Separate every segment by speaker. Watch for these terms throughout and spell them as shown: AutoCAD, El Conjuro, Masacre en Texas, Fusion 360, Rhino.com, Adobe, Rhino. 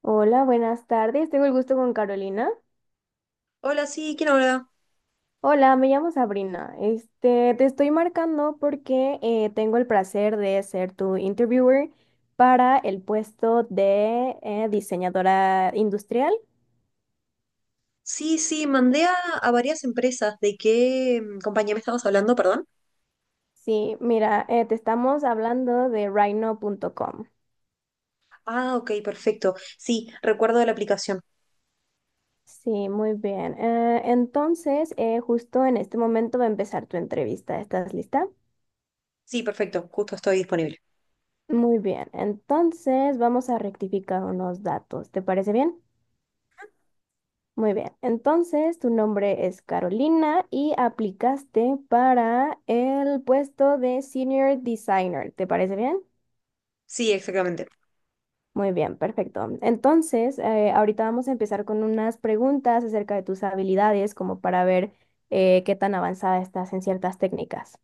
Speaker 1: Hola, buenas tardes. Tengo el gusto con Carolina.
Speaker 2: Hola, sí, ¿quién habla?
Speaker 1: Hola, me llamo Sabrina. Este, te estoy marcando porque tengo el placer de ser tu interviewer para el puesto de diseñadora industrial.
Speaker 2: Sí, sí, mandé a varias empresas. ¿De qué compañía me estabas hablando, perdón?
Speaker 1: Sí, mira, te estamos hablando de Rhino.com.
Speaker 2: Ah, ok, perfecto. Sí, recuerdo de la aplicación.
Speaker 1: Sí, muy bien. Entonces, justo en este momento va a empezar tu entrevista. ¿Estás lista?
Speaker 2: Sí, perfecto, justo estoy disponible.
Speaker 1: Muy bien. Entonces, vamos a rectificar unos datos. ¿Te parece bien? Muy bien, entonces tu nombre es Carolina y aplicaste para el puesto de Senior Designer. ¿Te parece bien?
Speaker 2: Sí, exactamente.
Speaker 1: Muy bien, perfecto. Entonces, ahorita vamos a empezar con unas preguntas acerca de tus habilidades, como para ver qué tan avanzada estás en ciertas técnicas.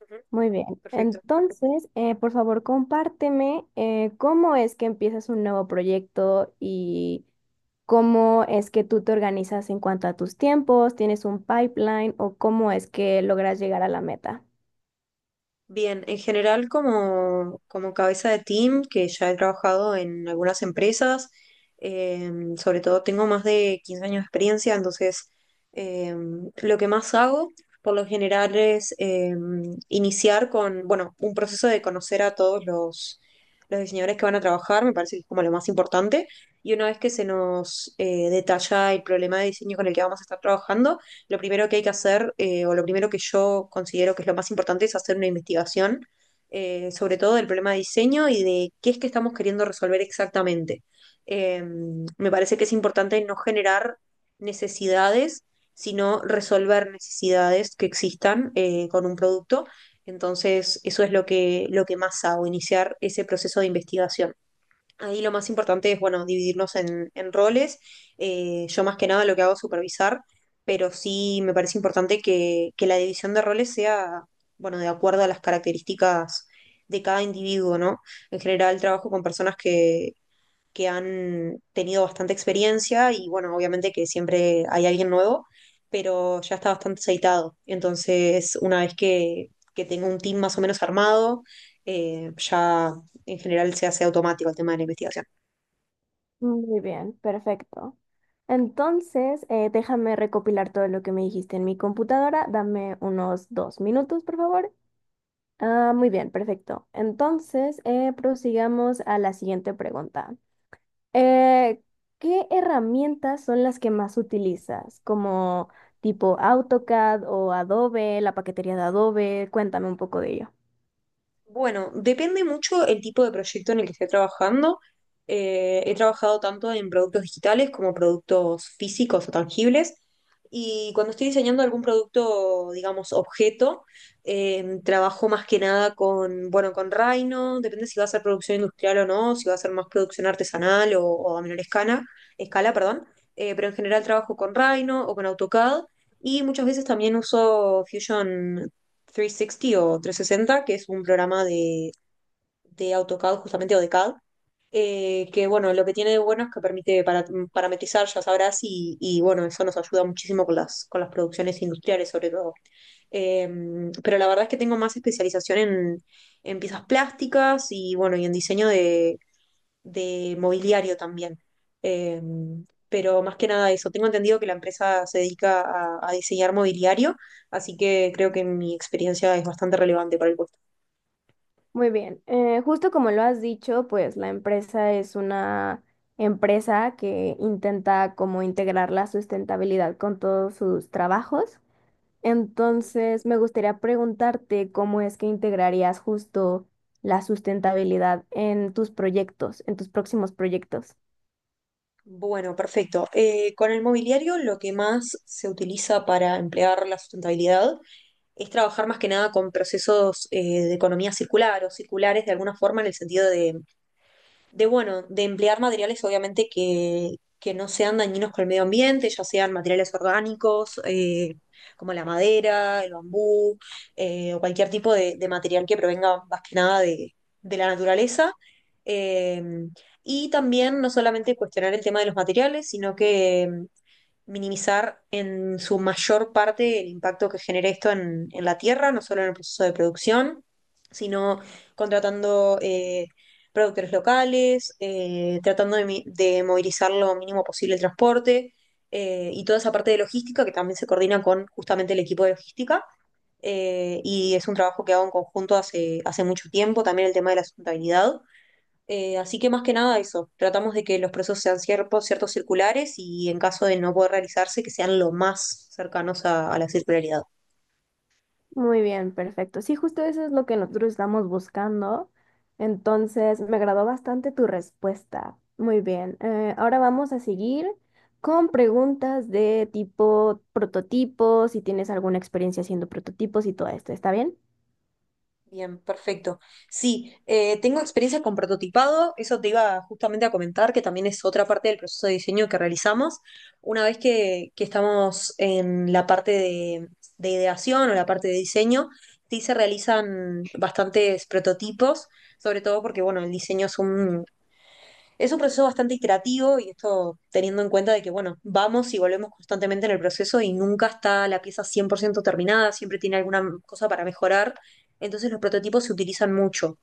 Speaker 2: Ujú.
Speaker 1: Muy bien.
Speaker 2: Perfecto.
Speaker 1: Entonces, por favor, compárteme cómo es que empiezas un nuevo proyecto y cómo es que tú te organizas en cuanto a tus tiempos, tienes un pipeline o cómo es que logras llegar a la meta.
Speaker 2: Bien, en general como cabeza de team, que ya he trabajado en algunas empresas, eh, sobre todo tengo más de 15 años de experiencia. Entonces, eh, lo que más hago por lo general es iniciar con, bueno, un proceso de conocer a todos los diseñadores que van a trabajar. Me parece que es como lo más importante, y una vez que se nos detalla el problema de diseño con el que vamos a estar trabajando, lo primero que hay que hacer, o lo primero que yo considero que es lo más importante, es hacer una investigación, sobre todo del problema de diseño y de qué es que estamos queriendo resolver exactamente. Eh, Me parece que es importante no generar necesidades, sino resolver necesidades que existan con un producto. Entonces, eso es lo que más hago, iniciar ese proceso de investigación. Ahí lo más importante es, bueno, dividirnos en roles. Yo más que nada lo que hago es supervisar, pero sí me parece importante que la división de roles sea, bueno, de acuerdo a las características de cada individuo, ¿no? En general trabajo con personas que han tenido bastante experiencia y, bueno, obviamente que siempre hay alguien nuevo, pero ya está bastante aceitado. Entonces, una vez que tengo un team más o menos armado, ya en general se hace automático el tema de la investigación.
Speaker 1: Muy bien, perfecto. Entonces, déjame recopilar todo lo que me dijiste en mi computadora. Dame unos 2 minutos, por favor. Ah, muy bien, perfecto. Entonces, prosigamos a la siguiente pregunta. Eh, ¿Qué herramientas son las que más utilizas? Como tipo AutoCAD o Adobe, la paquetería de Adobe. Cuéntame un poco de ello.
Speaker 2: Bueno, depende mucho el tipo de proyecto en el que esté trabajando. He trabajado tanto en productos digitales como productos físicos o tangibles. Y cuando estoy diseñando algún producto, digamos, objeto, trabajo más que nada bueno, con Rhino, depende si va a ser producción industrial o no, si va a ser más producción artesanal o a menor escala, escala, perdón. Pero en general trabajo con Rhino o con AutoCAD, y muchas veces también uso Fusion 360 o 360, que es un programa de AutoCAD justamente o de CAD. Que, bueno, lo que tiene de bueno es que permite parametrizar, ya sabrás, y, bueno, eso nos ayuda muchísimo con las producciones industriales sobre todo. Eh, pero la verdad es que tengo más especialización en piezas plásticas y, bueno, y en diseño de mobiliario también. Eh, pero más que nada eso, tengo entendido que la empresa se dedica a diseñar mobiliario, así que creo que mi experiencia es bastante relevante para el puesto.
Speaker 1: Muy bien, justo como lo has dicho, pues la empresa es una empresa que intenta como integrar la sustentabilidad con todos sus trabajos. Entonces, me gustaría preguntarte cómo es que integrarías justo la sustentabilidad en tus proyectos, en tus próximos proyectos.
Speaker 2: Bueno, perfecto. Con el mobiliario lo que más se utiliza para emplear la sustentabilidad es trabajar más que nada con procesos de economía circular o circulares de alguna forma, en el sentido de emplear materiales obviamente que no sean dañinos con el medio ambiente, ya sean materiales orgánicos, como la madera, el bambú, o cualquier tipo de material que provenga más que nada de la naturaleza. Eh, y también no solamente cuestionar el tema de los materiales, sino que minimizar en su mayor parte el impacto que genere esto en la tierra, no solo en el proceso de producción, sino contratando productores locales, tratando de movilizar lo mínimo posible el transporte y toda esa parte de logística que también se coordina con justamente el equipo de logística, y es un trabajo que hago en conjunto hace, hace mucho tiempo, también el tema de la sustentabilidad. Así que más que nada eso, tratamos de que los procesos sean ciertos, ciertos circulares, y en caso de no poder realizarse, que sean lo más cercanos a la circularidad.
Speaker 1: Muy bien, perfecto. Sí, justo eso es lo que nosotros estamos buscando. Entonces, me agradó bastante tu respuesta. Muy bien. Ahora vamos a seguir con preguntas de tipo prototipos, si tienes alguna experiencia haciendo prototipos y todo esto. ¿Está bien?
Speaker 2: Bien, perfecto. Sí, tengo experiencia con prototipado, eso te iba justamente a comentar, que también es otra parte del proceso de diseño que realizamos. Una vez que estamos en la parte de ideación o la parte de diseño, sí se realizan bastantes prototipos, sobre todo porque, bueno, el diseño es un proceso bastante iterativo, y esto teniendo en cuenta de que, bueno, vamos y volvemos constantemente en el proceso y nunca está la pieza 100% terminada, siempre tiene alguna cosa para mejorar. Entonces los prototipos se utilizan mucho.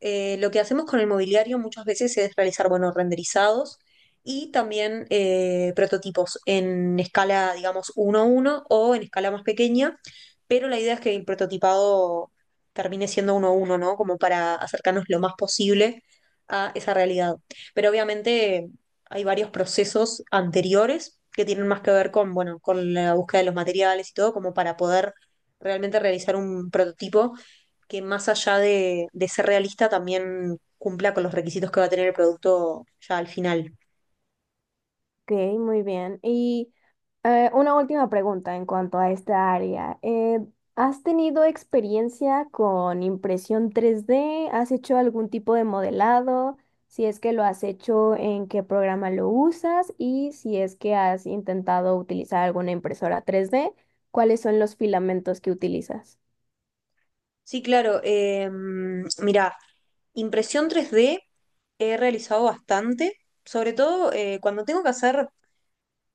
Speaker 2: Lo que hacemos con el mobiliario muchas veces es realizar, bueno, renderizados, y también prototipos en escala, digamos, uno a uno o en escala más pequeña, pero la idea es que el prototipado termine siendo uno a uno, ¿no? Como para acercarnos lo más posible a esa realidad. Pero obviamente hay varios procesos anteriores que tienen más que ver con, bueno, con la búsqueda de los materiales y todo, como para poder realmente realizar un prototipo que, más allá de ser realista, también cumpla con los requisitos que va a tener el producto ya al final.
Speaker 1: Ok, muy bien. Y una última pregunta en cuanto a esta área. ¿Has tenido experiencia con impresión 3D? ¿Has hecho algún tipo de modelado? Si es que lo has hecho, ¿en qué programa lo usas? Y si es que has intentado utilizar alguna impresora 3D, ¿cuáles son los filamentos que utilizas?
Speaker 2: Sí, claro. Mira, impresión 3D he realizado bastante, sobre todo cuando tengo que hacer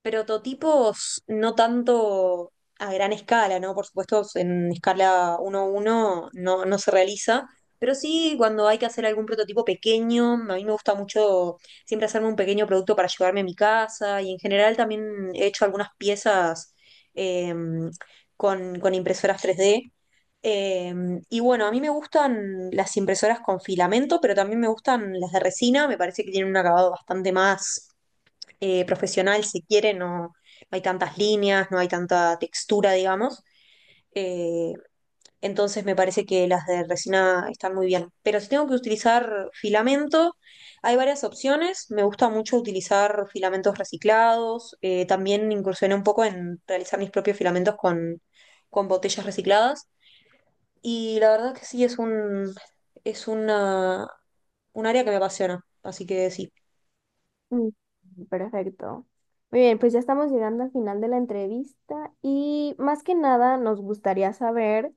Speaker 2: prototipos no tanto a gran escala, ¿no? Por supuesto, en escala uno a uno no se realiza, pero sí cuando hay que hacer algún prototipo pequeño. A mí me gusta mucho siempre hacerme un pequeño producto para llevarme a mi casa, y en general también he hecho algunas piezas, eh, con, impresoras 3D. Eh, y, bueno, a mí me gustan las impresoras con filamento, pero también me gustan las de resina. Me parece que tienen un acabado bastante más profesional, si quiere, no hay tantas líneas, no hay tanta textura, digamos. Eh, entonces me parece que las de resina están muy bien. Pero si tengo que utilizar filamento, hay varias opciones. Me gusta mucho utilizar filamentos reciclados. También incursioné un poco en realizar mis propios filamentos con, botellas recicladas. Y la verdad que sí, es un, es una, un área que me apasiona. Así que sí.
Speaker 1: Mm, Perfecto. Muy bien, pues ya estamos llegando al final de la entrevista y más que nada nos gustaría saber,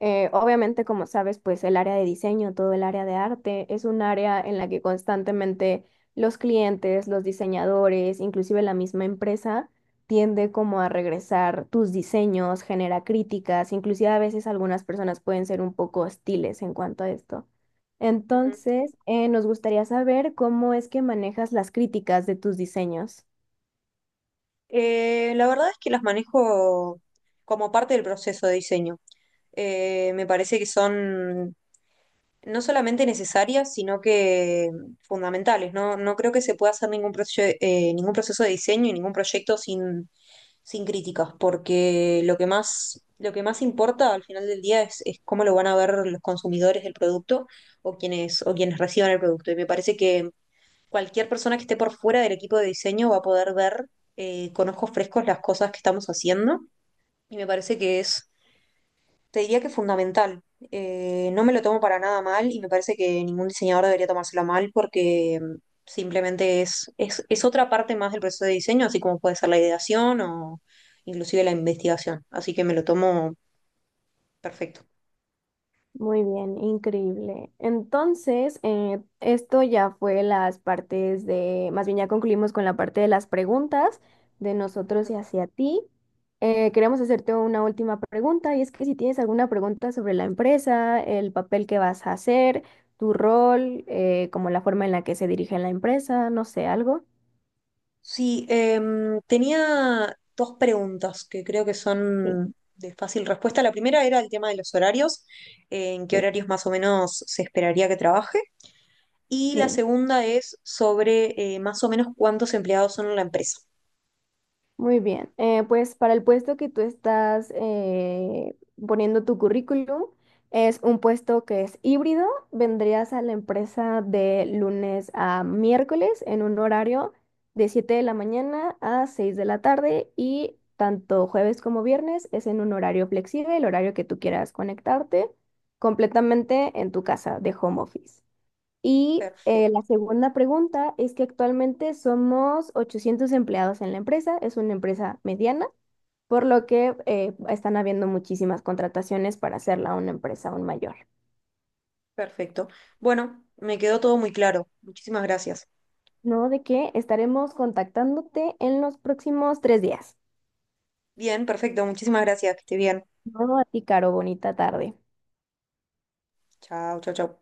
Speaker 1: obviamente como sabes, pues el área de diseño, todo el área de arte es un área en la que constantemente los clientes, los diseñadores, inclusive la misma empresa tiende como a regresar tus diseños, genera críticas, inclusive a veces algunas personas pueden ser un poco hostiles en cuanto a esto.
Speaker 2: Ujú.
Speaker 1: Entonces, nos gustaría saber cómo es que manejas las críticas de tus diseños.
Speaker 2: La verdad es que las manejo como parte del proceso de diseño. Me parece que son no solamente necesarias, sino que fundamentales. No, no creo que se pueda hacer ningún, ningún proceso de diseño y ningún proyecto sin críticas, porque lo que más importa al final del día es cómo lo van a ver los consumidores del producto, o quienes reciban el producto. Y me parece que cualquier persona que esté por fuera del equipo de diseño va a poder ver con ojos frescos las cosas que estamos haciendo, y me parece que te diría que fundamental. No me lo tomo para nada mal, y me parece que ningún diseñador debería tomárselo mal, porque simplemente es otra parte más del proceso de diseño, así como puede ser la ideación o inclusive la investigación. Así que me lo tomo perfecto.
Speaker 1: Muy bien, increíble. Entonces, esto ya fue las partes de, más bien ya concluimos con la parte de las preguntas de nosotros y hacia ti. Queremos hacerte una última pregunta y es que si tienes alguna pregunta sobre la empresa, el papel que vas a hacer, tu rol, como la forma en la que se dirige la empresa, no sé, algo.
Speaker 2: Sí, tenía dos preguntas que creo que
Speaker 1: Sí,
Speaker 2: son de fácil respuesta. La primera era el tema de los horarios, en qué
Speaker 1: sí.
Speaker 2: horarios más o menos se esperaría que trabaje. Y la
Speaker 1: Sí.
Speaker 2: segunda es sobre más o menos cuántos empleados son en la empresa.
Speaker 1: Muy bien, pues para el puesto que tú estás poniendo tu currículum, es un puesto que es híbrido. Vendrías a la empresa de lunes a miércoles en un horario de 7 de la mañana a 6 de la tarde y tanto jueves como viernes es en un horario flexible, el horario que tú quieras conectarte completamente en tu casa de home office. Y
Speaker 2: Perfecto,
Speaker 1: la segunda pregunta es que actualmente somos 800 empleados en la empresa, es una empresa mediana, por lo que están habiendo muchísimas contrataciones para hacerla una empresa aún mayor.
Speaker 2: perfecto. Bueno, me quedó todo muy claro. Muchísimas gracias.
Speaker 1: No, de que estaremos contactándote en los próximos 3 días.
Speaker 2: Bien, perfecto, muchísimas gracias. Que esté bien.
Speaker 1: No, a ti, Caro, bonita tarde.
Speaker 2: Chao, chao, chao.